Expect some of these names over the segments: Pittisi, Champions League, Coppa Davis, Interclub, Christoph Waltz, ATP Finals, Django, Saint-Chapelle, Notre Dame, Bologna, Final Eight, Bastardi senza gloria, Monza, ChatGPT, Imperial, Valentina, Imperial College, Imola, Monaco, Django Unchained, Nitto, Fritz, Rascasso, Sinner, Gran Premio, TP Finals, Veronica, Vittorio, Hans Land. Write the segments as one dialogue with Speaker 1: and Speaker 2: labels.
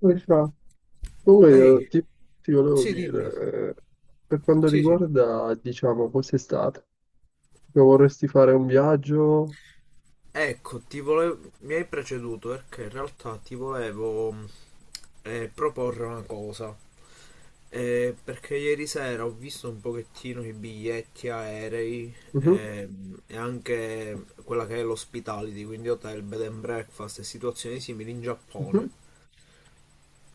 Speaker 1: Come fa? Comunque
Speaker 2: Ehi,
Speaker 1: io ti volevo
Speaker 2: sì, dimmi.
Speaker 1: dire, per quanto
Speaker 2: Sì, sì.
Speaker 1: riguarda, diciamo, quest'estate, che vorresti fare un viaggio?
Speaker 2: Ecco, mi hai preceduto perché in realtà ti volevo proporre una cosa. Perché ieri sera ho visto un pochettino i biglietti aerei,
Speaker 1: Mhm,
Speaker 2: e anche quella che è l'hospitality, quindi hotel, bed and breakfast e situazioni simili in
Speaker 1: mhm.
Speaker 2: Giappone.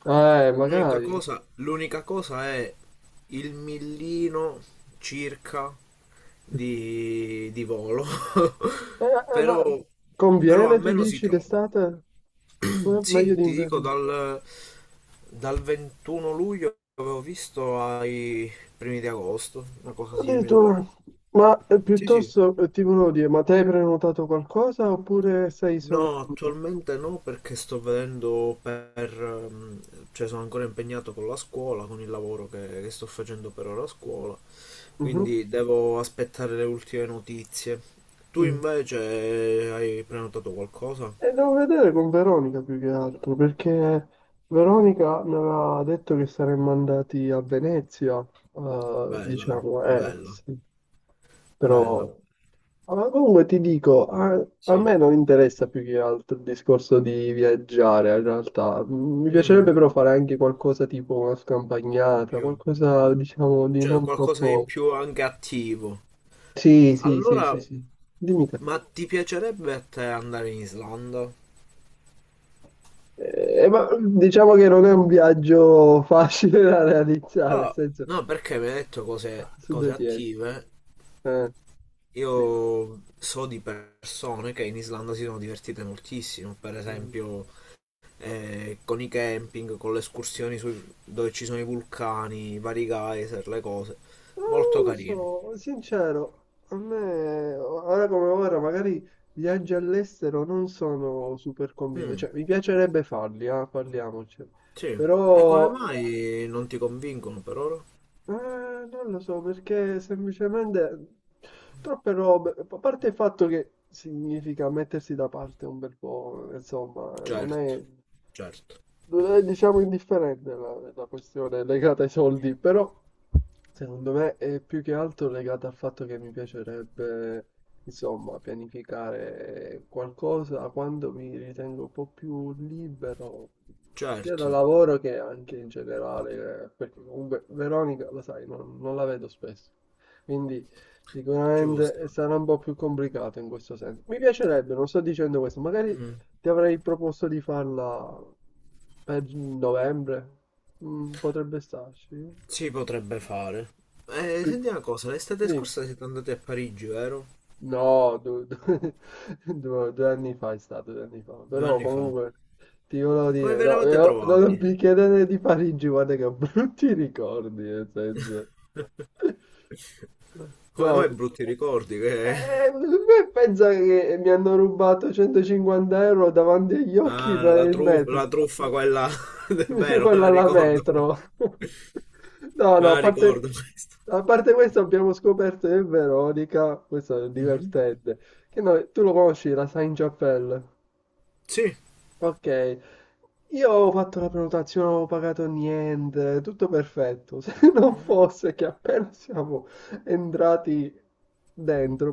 Speaker 2: L'unica
Speaker 1: Magari.
Speaker 2: cosa, l'unica cosa è il millino circa di volo,
Speaker 1: Eh, ma
Speaker 2: però, a
Speaker 1: conviene, tu
Speaker 2: meno si
Speaker 1: dici,
Speaker 2: trova.
Speaker 1: d'estate? Meglio
Speaker 2: Sì, ti dico,
Speaker 1: d'inverno.
Speaker 2: dal 21 luglio avevo visto ai primi di agosto, una cosa simile.
Speaker 1: Addirittura, ma
Speaker 2: Sì, sì.
Speaker 1: piuttosto ti volevo dire, ma te hai prenotato qualcosa oppure sei solo...
Speaker 2: No, attualmente no perché sto vedendo per... ehm, cioè sono ancora impegnato con la scuola, con il lavoro che sto facendo per ora a scuola,
Speaker 1: Mhm,
Speaker 2: quindi devo aspettare le ultime notizie. Tu
Speaker 1: mhm.
Speaker 2: invece hai prenotato qualcosa?
Speaker 1: E devo vedere con Veronica più che altro, perché Veronica mi aveva detto che saremmo andati a Venezia,
Speaker 2: Bella,
Speaker 1: diciamo,
Speaker 2: bella,
Speaker 1: sì.
Speaker 2: bella,
Speaker 1: Però, ah, ma comunque ti dico, a
Speaker 2: sì.
Speaker 1: me non interessa più che altro il discorso di viaggiare, in realtà. Mi
Speaker 2: Mm,
Speaker 1: piacerebbe però fare anche qualcosa tipo una scampagnata,
Speaker 2: più-
Speaker 1: qualcosa, diciamo, di
Speaker 2: Cioè
Speaker 1: non
Speaker 2: qualcosa di
Speaker 1: troppo...
Speaker 2: più anche attivo.
Speaker 1: Sì, sì, sì,
Speaker 2: Allora,
Speaker 1: sì, sì. Dimmi te.
Speaker 2: ma ti piacerebbe a te andare in Islanda?
Speaker 1: Ma diciamo che non è un viaggio facile da realizzare, nel
Speaker 2: Ah,
Speaker 1: senso,
Speaker 2: no, perché mi hai detto cose,
Speaker 1: su
Speaker 2: cose
Speaker 1: due piedi.
Speaker 2: attive.
Speaker 1: Eh, sì.
Speaker 2: Io so di persone che in Islanda si sono divertite moltissimo, per
Speaker 1: Mm.
Speaker 2: esempio con i camping, con le escursioni dove ci sono i vulcani, i vari geyser, le cose.
Speaker 1: Ma
Speaker 2: Molto
Speaker 1: non lo
Speaker 2: carino.
Speaker 1: so, sincero, a me, ora come ora, magari viaggi all'estero non sono super convinto,
Speaker 2: Mm,
Speaker 1: cioè mi piacerebbe farli, ah, parliamoci,
Speaker 2: sì. E come
Speaker 1: però
Speaker 2: mai non ti convincono per ora?
Speaker 1: Eh, non lo so perché semplicemente troppe robe, a parte il fatto che significa mettersi da parte un bel po', insomma, non
Speaker 2: Certo,
Speaker 1: è
Speaker 2: certo,
Speaker 1: non è, diciamo, indifferente la questione legata ai soldi, però secondo me è più che altro legata al fatto che mi piacerebbe, insomma, pianificare qualcosa quando mi ritengo un po' più libero, sia dal
Speaker 2: certo,
Speaker 1: lavoro che anche in generale, perché comunque Veronica, lo sai, non la vedo spesso, quindi
Speaker 2: ci può
Speaker 1: sicuramente
Speaker 2: stare.
Speaker 1: sarà un po' più complicato in questo senso. Mi piacerebbe, non sto dicendo questo, magari
Speaker 2: Mm,
Speaker 1: ti avrei proposto di farla per novembre. Potrebbe starci.
Speaker 2: si potrebbe fare. Eh,
Speaker 1: Pi-
Speaker 2: senti una cosa, l'estate
Speaker 1: Dimmi.
Speaker 2: scorsa siete andati a Parigi, vero?
Speaker 1: No, due anni fa è stato, 2 anni fa.
Speaker 2: Due
Speaker 1: Però
Speaker 2: anni fa.
Speaker 1: comunque ti volevo
Speaker 2: Come
Speaker 1: dire,
Speaker 2: vi
Speaker 1: no,
Speaker 2: eravate
Speaker 1: no, non
Speaker 2: trovati?
Speaker 1: mi chiedere di Parigi, guarda che ho brutti ricordi, nel senso.
Speaker 2: Come mai
Speaker 1: No,
Speaker 2: brutti ricordi che...
Speaker 1: me pensa che mi hanno rubato 150 euro davanti agli occhi
Speaker 2: Ah,
Speaker 1: per il metro.
Speaker 2: la truffa quella... È vero, me
Speaker 1: Quella
Speaker 2: la
Speaker 1: alla
Speaker 2: ricordo questa.
Speaker 1: metro. No,
Speaker 2: Me
Speaker 1: no,
Speaker 2: la ricordo questa.
Speaker 1: a parte questo abbiamo scoperto che Veronica, questo è
Speaker 2: Mhm.
Speaker 1: divertente, che tu lo conosci, la Saint-Chapelle.
Speaker 2: Sì.
Speaker 1: Ok, io avevo fatto la prenotazione, non avevo pagato niente, tutto perfetto. Se non
Speaker 2: Mhm.
Speaker 1: fosse che appena siamo entrati dentro,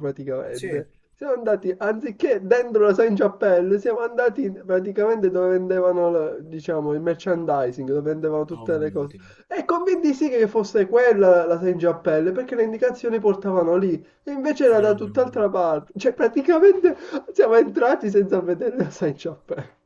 Speaker 2: Sì.
Speaker 1: praticamente, siamo andati, anziché dentro la Saint Chapelle, siamo andati praticamente dove vendevano, diciamo, il merchandising, dove vendevano
Speaker 2: Oh
Speaker 1: tutte le
Speaker 2: mio
Speaker 1: cose.
Speaker 2: Dio.
Speaker 1: E convinti sì che fosse quella la Saint Chapelle, perché le indicazioni portavano lì, e invece era da tutt'altra
Speaker 2: Fenomeno.
Speaker 1: parte. Cioè, praticamente siamo entrati senza vedere la Saint Chapelle.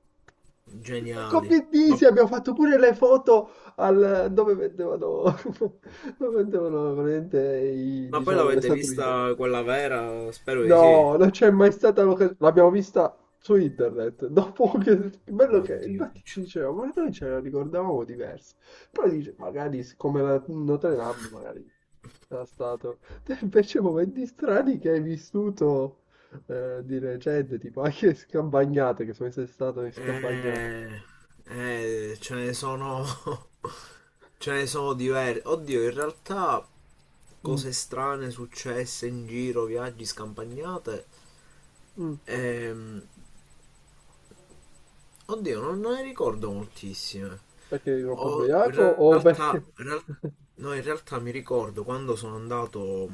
Speaker 1: E con
Speaker 2: Geniali. Ma,
Speaker 1: Pittisi abbiamo fatto pure le foto al, dove vendevano, dove vendevano veramente
Speaker 2: ma poi
Speaker 1: diciamo, le
Speaker 2: l'avete
Speaker 1: statuine.
Speaker 2: vista quella vera? Spero di sì.
Speaker 1: No, non c'è mai stata l'occasione. L'abbiamo vista su internet. Dopo che bello
Speaker 2: Mio
Speaker 1: che
Speaker 2: Dio,
Speaker 1: infatti ci
Speaker 2: piccio.
Speaker 1: diceva, ma noi ce la ricordavamo diversa. Poi dice, magari come la Notre Dame, magari era stato. Te invece momenti strani che hai vissuto di recente, tipo anche scampagnate, che sono sempre stato in scampagnate.
Speaker 2: Eh, ce ne sono. Ce ne sono diverse. Oddio, in realtà
Speaker 1: Mm,
Speaker 2: cose strane successe in giro, viaggi, scampagnate.
Speaker 1: mm.
Speaker 2: Ehm, oddio, non ne ricordo moltissime.
Speaker 1: Perché eri troppo
Speaker 2: Ho- in
Speaker 1: ubriaco o
Speaker 2: realtà,
Speaker 1: perché...
Speaker 2: in real- no, in realtà mi ricordo quando sono andato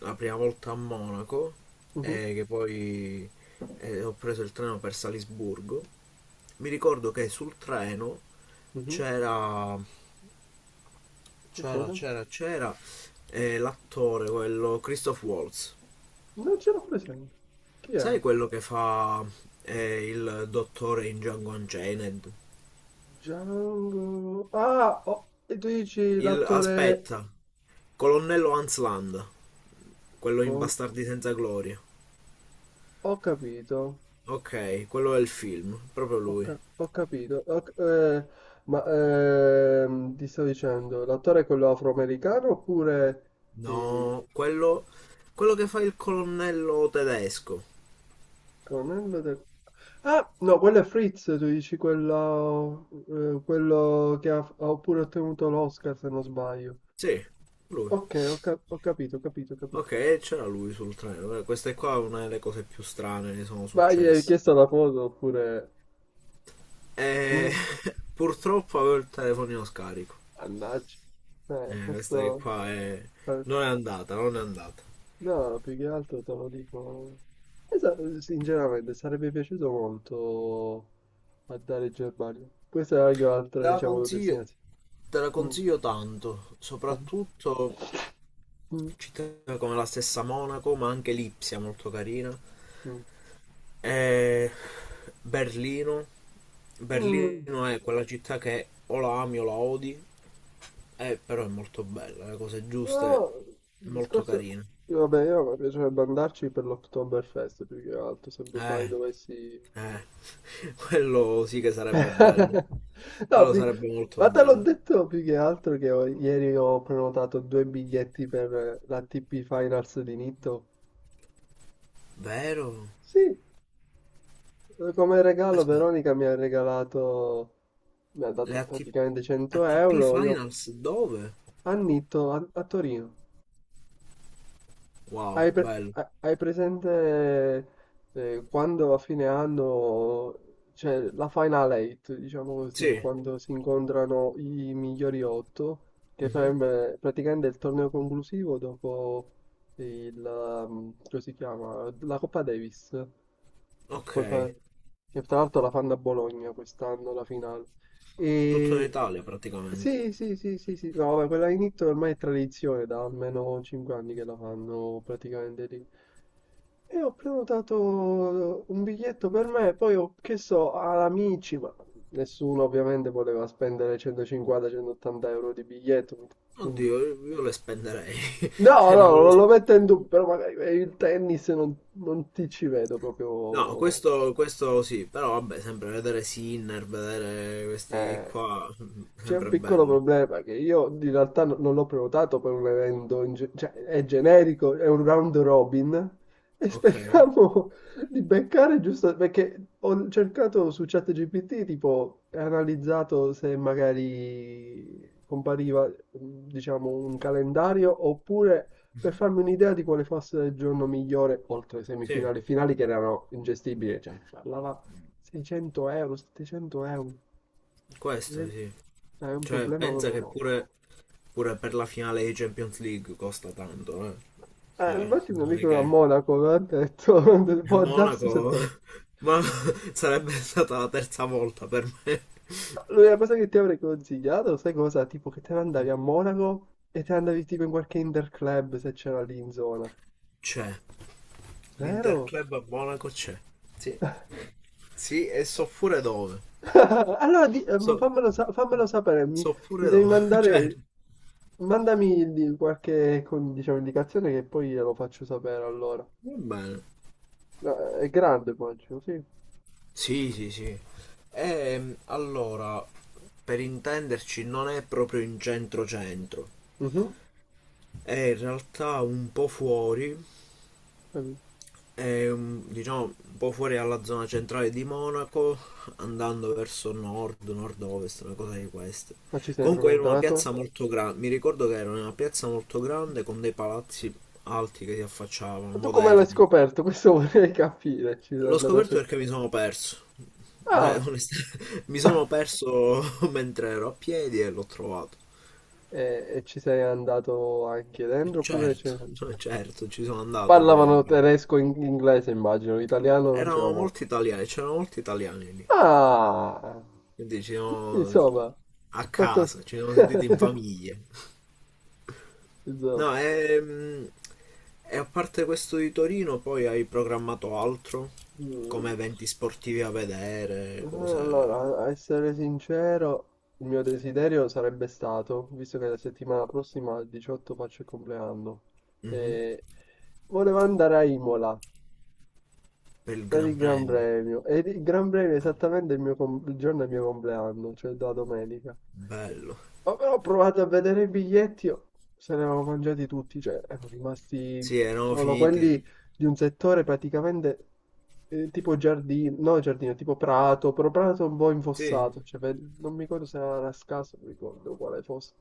Speaker 2: la prima volta a Monaco
Speaker 1: Mhm,
Speaker 2: e che poi ho preso il treno per Salisburgo. Mi ricordo che sul treno
Speaker 1: mhm.
Speaker 2: c'era
Speaker 1: Che
Speaker 2: c'era
Speaker 1: cosa?
Speaker 2: c'era c'era l'attore, quello Christoph Waltz.
Speaker 1: Non ce l'ho presente. Chi è?
Speaker 2: Sai, quello che fa, il dottore in Django Unchained.
Speaker 1: Django... Ah, oh, e tu dici
Speaker 2: Il
Speaker 1: l'attore
Speaker 2: Aspetta, colonnello Hans Land, quello in
Speaker 1: con...
Speaker 2: Bastardi senza gloria.
Speaker 1: Ho capito,
Speaker 2: Ok, quello è il film, proprio lui.
Speaker 1: ho capito. Eh, ma ti sto dicendo, l'attore è quello afroamericano oppure il
Speaker 2: No, quello, quello che fa il colonnello tedesco.
Speaker 1: colonnello del... Ah, no, quello è Fritz, tu dici quello, quello che ha pure ottenuto l'Oscar, se non sbaglio.
Speaker 2: Sì, lui.
Speaker 1: Ok, ho capito, ho capito, ho capito.
Speaker 2: Ok, c'era lui sul treno. Questa è qua è una delle cose più strane che sono
Speaker 1: Ma gli hai
Speaker 2: successe.
Speaker 1: chiesto la foto oppure...
Speaker 2: Eh,
Speaker 1: Mm,
Speaker 2: purtroppo avevo il telefonino scarico.
Speaker 1: mannaggia.
Speaker 2: Questa che
Speaker 1: Questo...
Speaker 2: qua è...
Speaker 1: eh,
Speaker 2: non è andata, non è andata.
Speaker 1: No, più che altro te lo dico... Eh, sa- Sinceramente, sarebbe piaciuto molto andare in Germania. Questa è anche un'altra,
Speaker 2: Te la
Speaker 1: diciamo,
Speaker 2: consiglio,
Speaker 1: destinazione.
Speaker 2: te la
Speaker 1: Mm.
Speaker 2: consiglio tanto,
Speaker 1: Mm.
Speaker 2: soprattutto
Speaker 1: Mm.
Speaker 2: città come la stessa Monaco, ma anche Lipsia molto carina. Eh, Berlino.
Speaker 1: Mm.
Speaker 2: Berlino è quella città che o la ami o la odi, però è molto bella, le cose giuste,
Speaker 1: Oh, il
Speaker 2: molto
Speaker 1: discorso...
Speaker 2: carine.
Speaker 1: Vabbè, io mi piacerebbe andarci per l'Oktoberfest, più che altro, se mai
Speaker 2: Eh,
Speaker 1: dovessi.
Speaker 2: Eh, quello sì che sarebbe bello.
Speaker 1: No,
Speaker 2: Quello sarebbe molto
Speaker 1: ma te l'ho
Speaker 2: bello.
Speaker 1: detto più che altro che ieri ho prenotato due biglietti per la TP Finals di Nitto.
Speaker 2: Vero?
Speaker 1: Sì, come regalo
Speaker 2: Aspetta,
Speaker 1: Veronica mi ha regalato, mi ha
Speaker 2: le
Speaker 1: dato praticamente 100
Speaker 2: ATP
Speaker 1: euro, io
Speaker 2: Finals dove?
Speaker 1: a Nitto, a Torino.
Speaker 2: Wow,
Speaker 1: Hai, pre-
Speaker 2: bello.
Speaker 1: ha- hai presente quando a fine anno c'è la Final Eight, diciamo così,
Speaker 2: Sì.
Speaker 1: quando si incontrano i migliori otto, che
Speaker 2: Mhm,
Speaker 1: sarebbe praticamente il torneo conclusivo dopo il, come si chiama, la Coppa Davis, perché
Speaker 2: ok,
Speaker 1: poi fa, che tra l'altro la fanno a Bologna quest'anno la finale.
Speaker 2: tutto in
Speaker 1: E...
Speaker 2: Italia praticamente.
Speaker 1: Sì, sì, sì, sì, sì, no, vabbè, quella in Italia ormai è tradizione, da almeno 5 anni che la fanno praticamente lì. E ho prenotato un biglietto per me, poi ho chiesto ad amici, ma nessuno ovviamente voleva spendere 150-180 euro di biglietto,
Speaker 2: Oddio,
Speaker 1: appunto.
Speaker 2: io le spenderei.
Speaker 1: No,
Speaker 2: Cioè,
Speaker 1: no,
Speaker 2: ne
Speaker 1: no,
Speaker 2: avevo...
Speaker 1: non lo metto in dubbio, però magari per il tennis non ti ci vedo
Speaker 2: No,
Speaker 1: proprio.
Speaker 2: questo sì, però vabbè, sempre vedere Sinner, vedere questi
Speaker 1: Eh.
Speaker 2: qua,
Speaker 1: C'è un
Speaker 2: sempre
Speaker 1: piccolo
Speaker 2: bello.
Speaker 1: problema che io in realtà non l'ho prenotato per un evento, cioè è generico, è un round robin e
Speaker 2: Ok.
Speaker 1: speriamo di beccare giusto perché ho cercato su ChatGPT, tipo, e analizzato se magari compariva, diciamo, un calendario oppure per
Speaker 2: Mhm.
Speaker 1: farmi un'idea di quale fosse il giorno migliore, oltre ai
Speaker 2: Sì,
Speaker 1: semifinali, finali che erano ingestibili, cioè parlava 600 euro, 700 euro.
Speaker 2: questo sì.
Speaker 1: È un
Speaker 2: Cioè,
Speaker 1: problema
Speaker 2: pensa
Speaker 1: proprio
Speaker 2: che
Speaker 1: no.
Speaker 2: pure per la finale di Champions League costa tanto, eh. Cioè,
Speaker 1: Infatti un
Speaker 2: non è
Speaker 1: amico a
Speaker 2: che...
Speaker 1: Monaco mi ha detto,
Speaker 2: E
Speaker 1: può darsi
Speaker 2: Monaco...
Speaker 1: sotto.
Speaker 2: Ma sarebbe stata la terza volta per me.
Speaker 1: L'unica cosa che ti avrei consigliato, sai cosa? Tipo che te ne andavi a Monaco e te ne andavi tipo in qualche interclub se c'era lì in zona.
Speaker 2: C'è.
Speaker 1: Vero?
Speaker 2: L'Interclub a Monaco c'è. Sì. Sì, e so pure dove.
Speaker 1: Allora
Speaker 2: So,
Speaker 1: fammelo, fammelo sapere, mi,
Speaker 2: so
Speaker 1: mi
Speaker 2: pure
Speaker 1: devi
Speaker 2: dove. Cioè,
Speaker 1: mandami qualche diciamo, indicazione che poi glielo faccio sapere allora.
Speaker 2: va bene.
Speaker 1: È grande poi, sì.
Speaker 2: Sì, sì, sì. E allora, per intenderci, non è proprio in centro centro.
Speaker 1: Mhm,
Speaker 2: È in realtà un po' fuori,
Speaker 1: capito.
Speaker 2: diciamo un po' fuori dalla zona centrale di Monaco, andando verso nord, nord-ovest, una cosa di queste.
Speaker 1: Ma ci sei proprio
Speaker 2: Comunque era una
Speaker 1: entrato?
Speaker 2: piazza molto grande, mi ricordo che era una piazza molto grande con dei palazzi alti che si affacciavano,
Speaker 1: Ma tu come l'hai
Speaker 2: moderni.
Speaker 1: scoperto? Questo vorrei capire. Ci sei
Speaker 2: L'ho
Speaker 1: andato a
Speaker 2: scoperto
Speaker 1: cercare.
Speaker 2: perché mi sono perso. Cioè,
Speaker 1: Ah!
Speaker 2: onestamente, mi sono perso mentre ero a piedi e l'ho trovato.
Speaker 1: E ci sei andato anche
Speaker 2: E
Speaker 1: dentro oppure
Speaker 2: certo,
Speaker 1: c'è...
Speaker 2: cioè, certo, ci sono andato poi.
Speaker 1: Parlavano
Speaker 2: ovviamente.
Speaker 1: tedesco e inglese, immagino, l'italiano non c'era molto.
Speaker 2: C'erano molti italiani lì,
Speaker 1: Ah!
Speaker 2: quindi
Speaker 1: Insomma, fatto...
Speaker 2: ci siamo sentiti in famiglia. No,
Speaker 1: Insomma.
Speaker 2: e, a parte questo di Torino, poi hai programmato altro, come
Speaker 1: Mm.
Speaker 2: eventi sportivi a vedere, cose.
Speaker 1: Allora, a essere sincero, il mio desiderio sarebbe stato, visto che la settimana prossima al 18 faccio il compleanno,
Speaker 2: Mhm.
Speaker 1: eh, volevo andare a Imola
Speaker 2: Per il
Speaker 1: per il
Speaker 2: Gran
Speaker 1: Gran
Speaker 2: Premio.
Speaker 1: Premio, e il Gran Premio è
Speaker 2: Bello.
Speaker 1: esattamente il mio il giorno del mio compleanno, cioè la domenica.
Speaker 2: Bello.
Speaker 1: Oh, però ho provato a vedere i biglietti, oh, se ne avevo mangiati tutti, cioè erano rimasti
Speaker 2: Sì, erano
Speaker 1: solo
Speaker 2: finiti.
Speaker 1: quelli di un settore praticamente tipo giardino, no giardino, tipo prato, però prato un po'
Speaker 2: Sì.
Speaker 1: infossato, cioè non mi ricordo se era Rascasso, non ricordo quale fosse.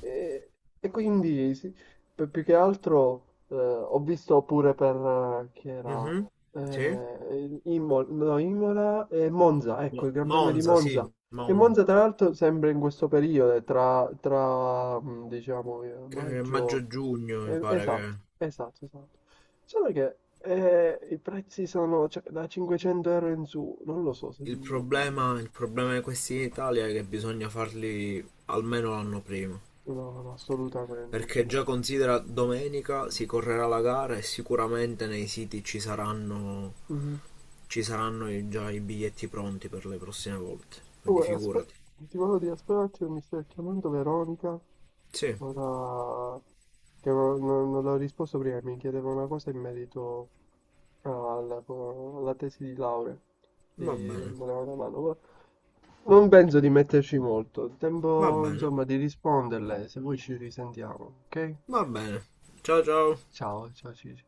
Speaker 1: E, e quindi sì, più che altro ho visto pure per chi era
Speaker 2: Mhm. Sì.
Speaker 1: Imola, no, Imola e Monza, ecco il Gran Premio di
Speaker 2: Monza, sì,
Speaker 1: Monza. Che
Speaker 2: Monza.
Speaker 1: Monza tra l'altro sembra in questo periodo, tra, diciamo
Speaker 2: Eh,
Speaker 1: maggio,
Speaker 2: maggio-giugno mi
Speaker 1: esatto,
Speaker 2: pare.
Speaker 1: esatto, esatto. Solo che i prezzi sono cioè, da 500 euro in su, non lo so se...
Speaker 2: Il problema, il problema di questi in Italia è che bisogna farli almeno l'anno prima.
Speaker 1: No, no, assolutamente,
Speaker 2: Perché
Speaker 1: sì.
Speaker 2: già considera domenica si correrà la gara e sicuramente nei siti ci saranno,
Speaker 1: Mhm.
Speaker 2: ci saranno già i biglietti pronti per le prossime volte. Quindi
Speaker 1: Comunque,
Speaker 2: figurati.
Speaker 1: ti volevo dire, aspetta un attimo, mi sta chiamando Veronica,
Speaker 2: Sì,
Speaker 1: ora che non l'ho risposto prima, mi chiedeva una cosa in merito alla tesi di laurea,
Speaker 2: va
Speaker 1: mi
Speaker 2: bene.
Speaker 1: voleva una mano, ma non penso di metterci molto,
Speaker 2: Va
Speaker 1: tempo
Speaker 2: bene.
Speaker 1: insomma di risponderle, se vuoi ci risentiamo, ok?
Speaker 2: Va bene. Ciao ciao.
Speaker 1: Ciao, ciao Cici.